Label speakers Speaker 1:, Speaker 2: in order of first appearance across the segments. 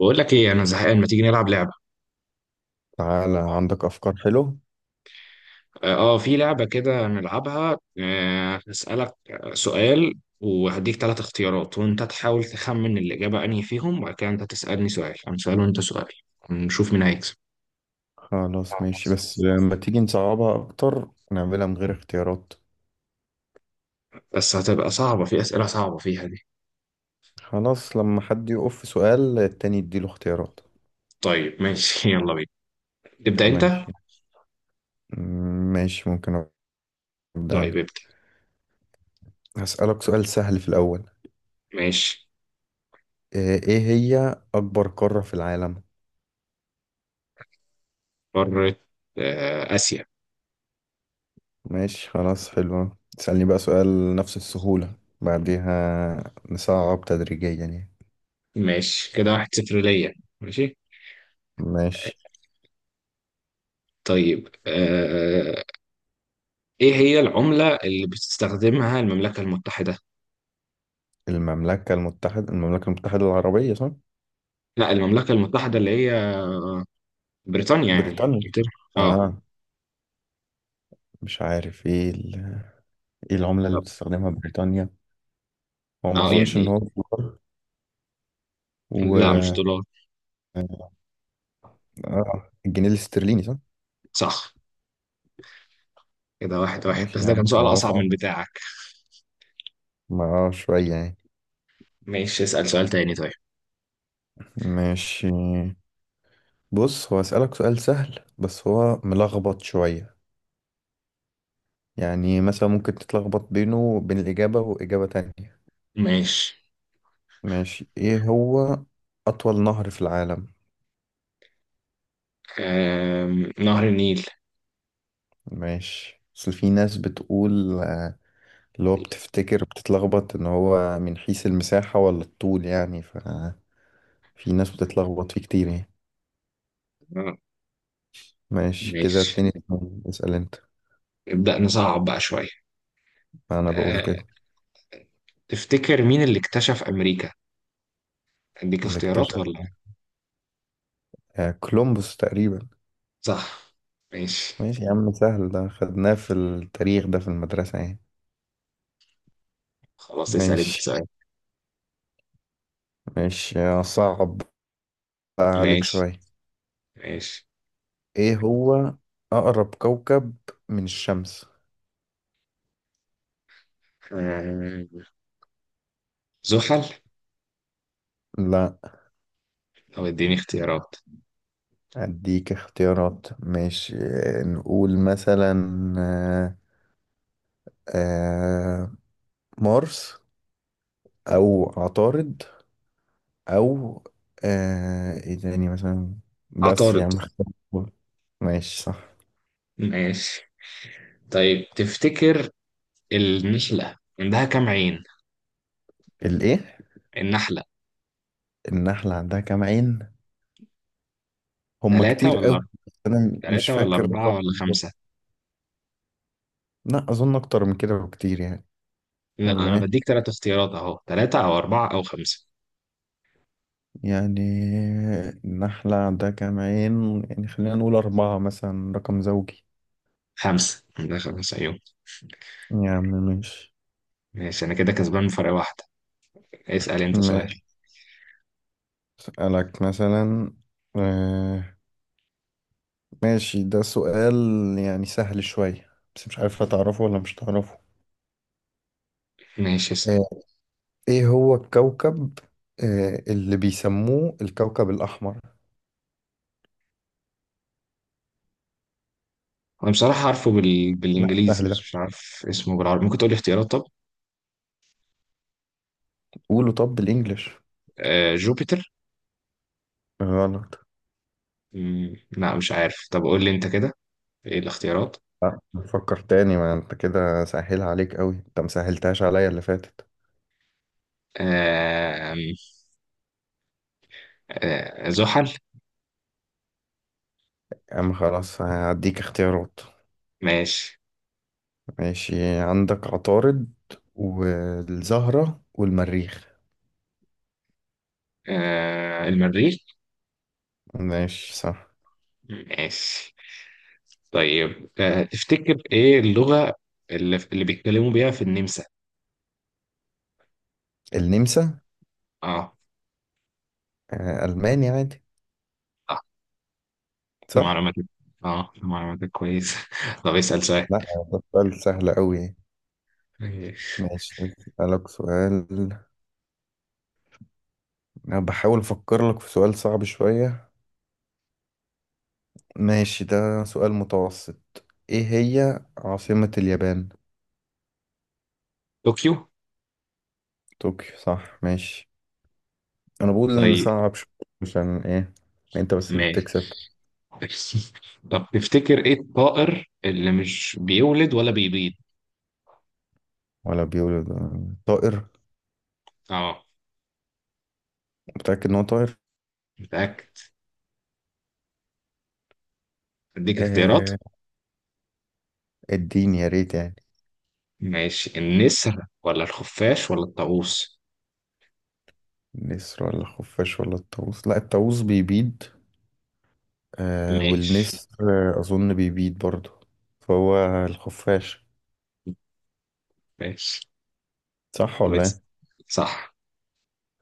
Speaker 1: بقول لك ايه، انا زهقان. ما تيجي نلعب لعبه؟
Speaker 2: تعالى عندك أفكار حلوة.
Speaker 1: في لعبه كده نلعبها. هسألك سؤال وهديك ثلاث اختيارات، وانت تحاول تخمن الاجابه انهي فيهم، وبعد كده انت تسألني سؤال، انا سؤال وانت سؤال. نشوف مين هيكسب.
Speaker 2: خلاص ماشي، بس لما تيجي نصعبها أكتر نعملها من غير اختيارات.
Speaker 1: بس هتبقى صعبه، في اسئله صعبه فيها دي.
Speaker 2: خلاص، لما حد يقف في سؤال التاني يديله اختيارات.
Speaker 1: طيب ماشي يلا بينا، تبدأ انت.
Speaker 2: ماشي. ماشي، ممكن أبدأ أنا.
Speaker 1: طيب ابدأ.
Speaker 2: هسألك سؤال سهل في الأول.
Speaker 1: ماشي.
Speaker 2: إيه هي أكبر قارة في العالم؟
Speaker 1: قارة؟ آه، آسيا.
Speaker 2: ماشي خلاص، حلوة. تسألني بقى سؤال نفس السهولة، بعديها نصعب تدريجيا يعني.
Speaker 1: ماشي كده واحد صفر ليا. ماشي.
Speaker 2: ماشي.
Speaker 1: طيب ايه هي العملة اللي بتستخدمها المملكة المتحدة؟
Speaker 2: المملكة المتحدة، المملكة المتحدة العربية، صح؟
Speaker 1: لا، المملكة المتحدة اللي هي بريطانيا، يعني
Speaker 2: بريطانيا.
Speaker 1: انجلترا، اه.
Speaker 2: اه مش عارف ايه ايه العملة اللي
Speaker 1: طب
Speaker 2: بتستخدمها بريطانيا. هو ما
Speaker 1: اه،
Speaker 2: اظنش
Speaker 1: يعني
Speaker 2: ان هو الدولار. و
Speaker 1: لا مش دولار.
Speaker 2: اه الجنيه الاسترليني، صح؟
Speaker 1: صح. كده واحد واحد، بس
Speaker 2: ماشي يا
Speaker 1: ده كان
Speaker 2: عم،
Speaker 1: سؤال
Speaker 2: خلاص
Speaker 1: أصعب
Speaker 2: اهو.
Speaker 1: من بتاعك.
Speaker 2: ما شوية يعني.
Speaker 1: ماشي اسأل سؤال تاني طيب.
Speaker 2: ماشي. بص، هو اسألك سؤال سهل بس هو ملخبط شوية، يعني مثلا ممكن تتلخبط بينه وبين الإجابة وإجابة تانية.
Speaker 1: ماشي.
Speaker 2: ماشي، إيه هو أطول نهر في العالم؟
Speaker 1: نهر النيل.
Speaker 2: ماشي، بس في ناس بتقول اللي هو بتفتكر بتتلخبط إن هو من حيث المساحة ولا الطول يعني، ففي ناس بتتلخبط فيه كتير يعني.
Speaker 1: آه،
Speaker 2: ماشي كده
Speaker 1: ماشي،
Speaker 2: 2-2، اسأل أنت.
Speaker 1: نبدأ نصعب بقى شوية.
Speaker 2: أنا بقول
Speaker 1: آه...
Speaker 2: كده.
Speaker 1: تفتكر مين اللي اكتشف أمريكا؟ أديك
Speaker 2: اللي
Speaker 1: اختيارات
Speaker 2: اكتشف
Speaker 1: ولا؟
Speaker 2: كولومبوس تقريبا.
Speaker 1: صح. ماشي،
Speaker 2: ماشي يا عم، سهل ده، خدناه في التاريخ ده في المدرسة يعني.
Speaker 1: خلاص اسأل انت
Speaker 2: ماشي.
Speaker 1: سؤال.
Speaker 2: ماشي صعب بقى عليك
Speaker 1: ماشي.
Speaker 2: شوية.
Speaker 1: ماشي.
Speaker 2: ايه هو اقرب كوكب من الشمس؟
Speaker 1: آم... زحل.
Speaker 2: لا.
Speaker 1: طب اديني اختيارات.
Speaker 2: اديك اختيارات ماشي، نقول مثلا آه، آه، مارس او عطارد او ايه تاني مثلا، بس
Speaker 1: عطارد.
Speaker 2: يعني مختار. ماشي صح.
Speaker 1: ماشي. طيب تفتكر النحلة عندها كام عين؟
Speaker 2: الايه؟
Speaker 1: النحلة.
Speaker 2: النحلة عندها كام عين؟ هما
Speaker 1: ثلاثة
Speaker 2: كتير
Speaker 1: ولا
Speaker 2: قوي.
Speaker 1: أربعة؟
Speaker 2: انا مش
Speaker 1: ثلاثة ولا
Speaker 2: فاكر الرقم
Speaker 1: أربعة ولا
Speaker 2: بالظبط.
Speaker 1: خمسة؟
Speaker 2: لا، اظن اكتر من كده بكتير يعني.
Speaker 1: لا
Speaker 2: ولا
Speaker 1: أنا
Speaker 2: ايه
Speaker 1: بديك ثلاث اختيارات أهو، ثلاثة أو أربعة أو خمسة.
Speaker 2: يعني؟ النحلة عندها كام عين، يعني خلينا نقول أربعة مثلا، رقم زوجي.
Speaker 1: خمسة، عندها خمسة عيون.
Speaker 2: يعني ماشي.
Speaker 1: ماشي أنا كده كسبان بفرق واحدة. اسأل أنت سؤال.
Speaker 2: ماشي، أسألك مثلا آه ماشي، ده سؤال يعني سهل شوية بس مش عارف هتعرفه ولا مش هتعرفه.
Speaker 1: ماشي اسأل.
Speaker 2: آه إيه هو الكوكب اللي بيسموه الكوكب الأحمر؟
Speaker 1: أنا بصراحة عارفه
Speaker 2: لا،
Speaker 1: بالإنجليزي
Speaker 2: سهل
Speaker 1: بس
Speaker 2: ده.
Speaker 1: مش عارف اسمه بالعربي، ممكن تقولي اختيارات طب.
Speaker 2: قوله طب بالإنجلش.
Speaker 1: آه جوبيتر.
Speaker 2: غلط.
Speaker 1: لا مش عارف، طب قول لي أنت كده إيه الاختيارات؟
Speaker 2: لا، فكر تاني، ما انت كده سهل عليك قوي، انت مسهلتهاش عليا اللي فاتت.
Speaker 1: آه، زحل.
Speaker 2: أما خلاص هديك اختيارات.
Speaker 1: ماشي.
Speaker 2: ماشي، عندك عطارد والزهرة والمريخ.
Speaker 1: آه، المريخ.
Speaker 2: ماشي صح.
Speaker 1: ماشي. طيب تفتكر ايه اللغة اللي بيتكلموا بيها في النمسا؟
Speaker 2: النمسا؟
Speaker 1: اه.
Speaker 2: ألماني عادي،
Speaker 1: اه ده
Speaker 2: صح؟
Speaker 1: معلوماتك. اه ده معلوماتك كويسة. طب اسأل سؤال.
Speaker 2: لا، ده سؤال سهل أوي.
Speaker 1: ماشي.
Speaker 2: ماشي، أسألك سؤال. أنا بحاول أفكر لك في سؤال صعب شوية. ماشي، ده سؤال متوسط. إيه هي عاصمة اليابان؟
Speaker 1: طوكيو.
Speaker 2: طوكيو، صح، ماشي. أنا بقول إن
Speaker 1: طيب
Speaker 2: صعب شوية عشان إيه أنت بس اللي
Speaker 1: ماشي.
Speaker 2: بتكسب.
Speaker 1: طب تفتكر ايه الطائر اللي مش بيولد ولا بيبيض؟
Speaker 2: ولا بيقولوا ده طائر؟
Speaker 1: اه.
Speaker 2: متأكد إن هو طاهر؟
Speaker 1: متأكد. اديك اختيارات.
Speaker 2: آه، الدين يا ريت يعني.
Speaker 1: ماشي، النسر ولا الخفاش ولا الطاووس.
Speaker 2: النسر ولا خفاش ولا الطاووس؟ لا، الطاووس بيبيض
Speaker 1: ماشي.
Speaker 2: والنسر أظن بيبيض برضه. فهو الخفاش.
Speaker 1: ماشي.
Speaker 2: صح
Speaker 1: طب
Speaker 2: ولا إيه؟
Speaker 1: اس- صح.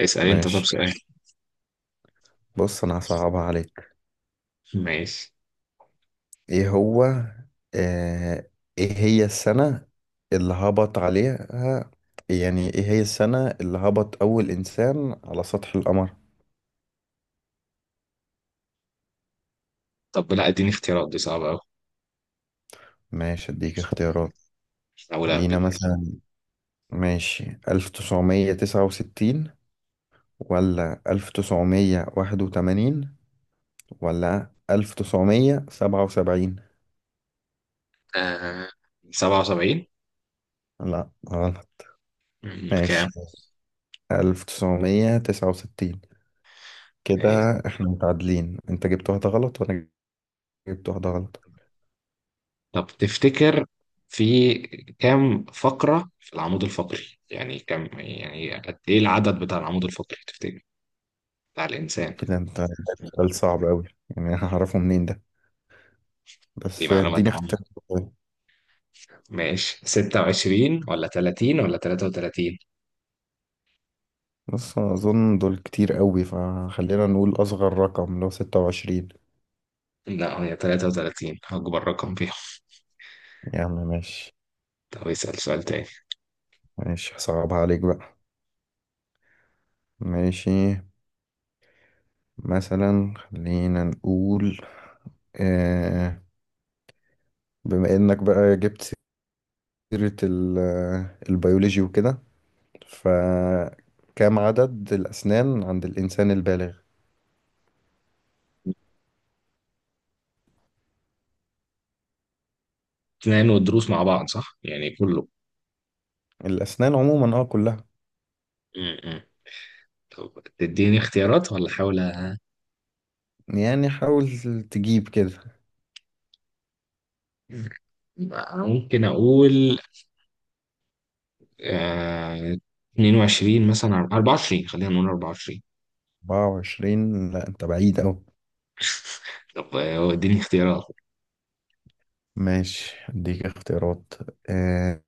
Speaker 1: اسأل انت طب
Speaker 2: ماشي.
Speaker 1: سؤال.
Speaker 2: بص، أنا هصعبها عليك.
Speaker 1: ماشي.
Speaker 2: إيه هو آه إيه هي السنة اللي هبط عليها، يعني إيه هي السنة اللي هبط أول إنسان على سطح القمر؟
Speaker 1: طب لا اديني اختيارات دي صعبة أوي.
Speaker 2: ماشي، أديك اختيارات.
Speaker 1: أول
Speaker 2: لينا
Speaker 1: أهبد.
Speaker 2: مثلا، ماشي، 1969، ولا 1981، ولا 1977.
Speaker 1: آه سبعة وسبعين.
Speaker 2: لا، غلط.
Speaker 1: كام؟
Speaker 2: ماشي، 1969. كده
Speaker 1: آه.
Speaker 2: احنا متعادلين، انت جبت واحدة غلط وانا جبت واحدة غلط.
Speaker 1: طب تفتكر في كام فقرة في العمود الفقري؟ يعني كم، يعني قد إيه العدد بتاع العمود الفقري تفتكر؟ بتاع الإنسان.
Speaker 2: ايه ده؟ انت جايب سؤال صعب أوي، يعني أنا هعرفه منين ده؟
Speaker 1: دي
Speaker 2: بس
Speaker 1: معلومات
Speaker 2: اديني
Speaker 1: عامة.
Speaker 2: اختيار.
Speaker 1: ماشي، 26 ولا 30 ولا 33.
Speaker 2: بص، أنا أظن دول كتير أوي، فخلينا نقول أصغر رقم اللي هو 26.
Speaker 1: لا هي 33 أكبر رقم فيهم.
Speaker 2: يا عم ماشي.
Speaker 1: طب اسأل سؤال تاني.
Speaker 2: ماشي، هصعبها عليك بقى. ماشي، مثلا خلينا نقول آه، بما انك بقى جبت سيرة البيولوجي وكده، فكم عدد الأسنان عند الإنسان البالغ؟
Speaker 1: اثنين والدروس مع بعض صح يعني كله.
Speaker 2: الأسنان عموما، اه كلها.
Speaker 1: امم طب تديني اختيارات ولا احاول
Speaker 2: يعني حاول تجيب كده.
Speaker 1: ممكن اقول آه 22 مثلا 24، خلينا نقول 24.
Speaker 2: 24؟ لا، انت بعيد أوي.
Speaker 1: طب اديني اختيارات.
Speaker 2: ماشي اديك اختيارات آه،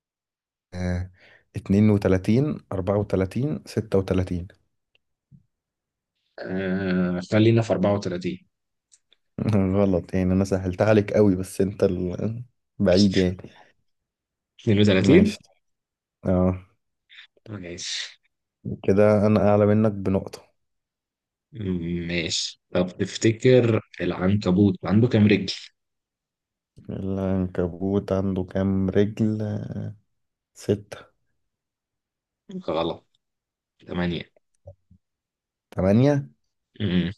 Speaker 2: آه، 32، 34، 36.
Speaker 1: آه خلينا في 34.
Speaker 2: غلط. يعني انا سهلتها عليك قوي بس انت بعيد يعني.
Speaker 1: 32.
Speaker 2: ماشي. اه،
Speaker 1: ماشي.
Speaker 2: كده انا اعلى منك بنقطة.
Speaker 1: ماشي طب تفتكر العنكبوت عنده كام رجل؟
Speaker 2: العنكبوت عنده كام رجل؟ 6.
Speaker 1: غلط. 8.
Speaker 2: 8.
Speaker 1: امم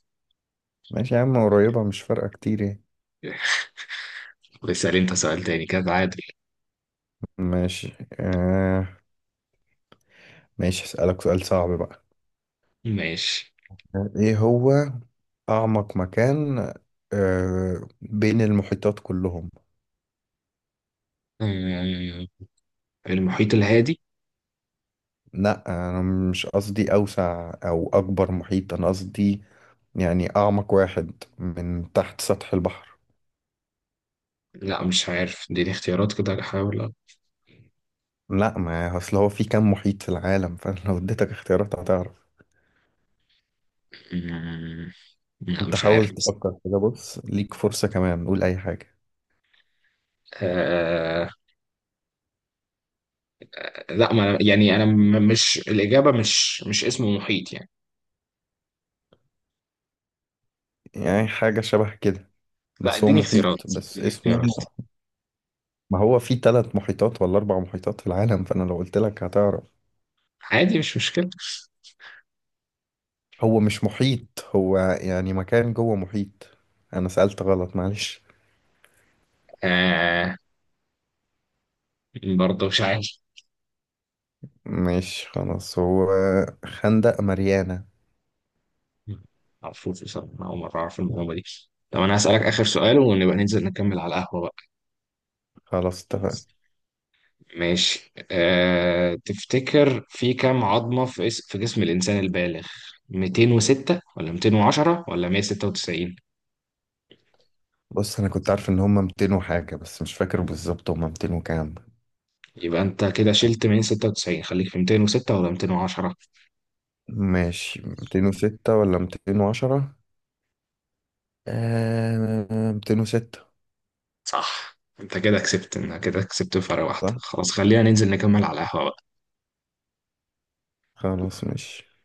Speaker 2: ماشي يا عم، قريبة مش فارقة كتير يعني.
Speaker 1: بس اسأل انت سؤال تاني كده عادل.
Speaker 2: ماشي آه ماشي، هسألك سؤال صعب بقى.
Speaker 1: ماشي.
Speaker 2: ايه هو أعمق مكان بين المحيطات كلهم؟
Speaker 1: آه، المحيط الهادي.
Speaker 2: لا، انا مش قصدي اوسع او اكبر محيط، انا قصدي يعني اعمق واحد من تحت سطح البحر.
Speaker 1: لا مش عارف اديني اختيارات كده احاول
Speaker 2: لا، ما اصل هو في كام محيط في العالم، فلو اديتك اختيارات هتعرف.
Speaker 1: مم، لا
Speaker 2: انت
Speaker 1: مش عارف
Speaker 2: حاول
Speaker 1: بس.
Speaker 2: تفكر كده، بص ليك فرصة كمان، قول اي حاجة.
Speaker 1: آه لا، ما يعني انا مش الاجابه، مش اسمه محيط يعني.
Speaker 2: يعني حاجة شبه كده،
Speaker 1: لا
Speaker 2: بس هو
Speaker 1: اديني اختيارات،
Speaker 2: محيط بس
Speaker 1: اديني اختيارات.
Speaker 2: اسمه. ما هو في ثلاث محيطات ولا اربع محيطات في العالم، فانا لو قلت لك هتعرف.
Speaker 1: عادي مش مشكله.
Speaker 2: هو مش محيط، هو يعني مكان جوه محيط. انا سألت غلط، معلش.
Speaker 1: آه. برضه مش عارف.
Speaker 2: ماشي خلاص، هو خندق ماريانا.
Speaker 1: معرفوش بصراحه، اول مره اعرف المعلومه دي. طب انا هسالك اخر سؤال ونبقى ننزل نكمل على القهوه بقى.
Speaker 2: خلاص اتفقنا.
Speaker 1: ماشي تفتكر في كام عظمة في في جسم الإنسان البالغ؟ 206 ولا 210 ولا 196.
Speaker 2: بص انا كنت عارف ان هما 200 وحاجة، بس مش فاكر بالظبط هما 200 وكام.
Speaker 1: يبقى انت كده شلت 196، خليك في 206 ولا 210.
Speaker 2: ماشي، 206 ولا 210؟ 206.
Speaker 1: صح، انت كده كسبت، انت كده كسبت بفرق واحدة.
Speaker 2: صح.
Speaker 1: خلاص خلينا ننزل نكمل على القهوة بقى.
Speaker 2: خلاص ماشي، 206 ماشي.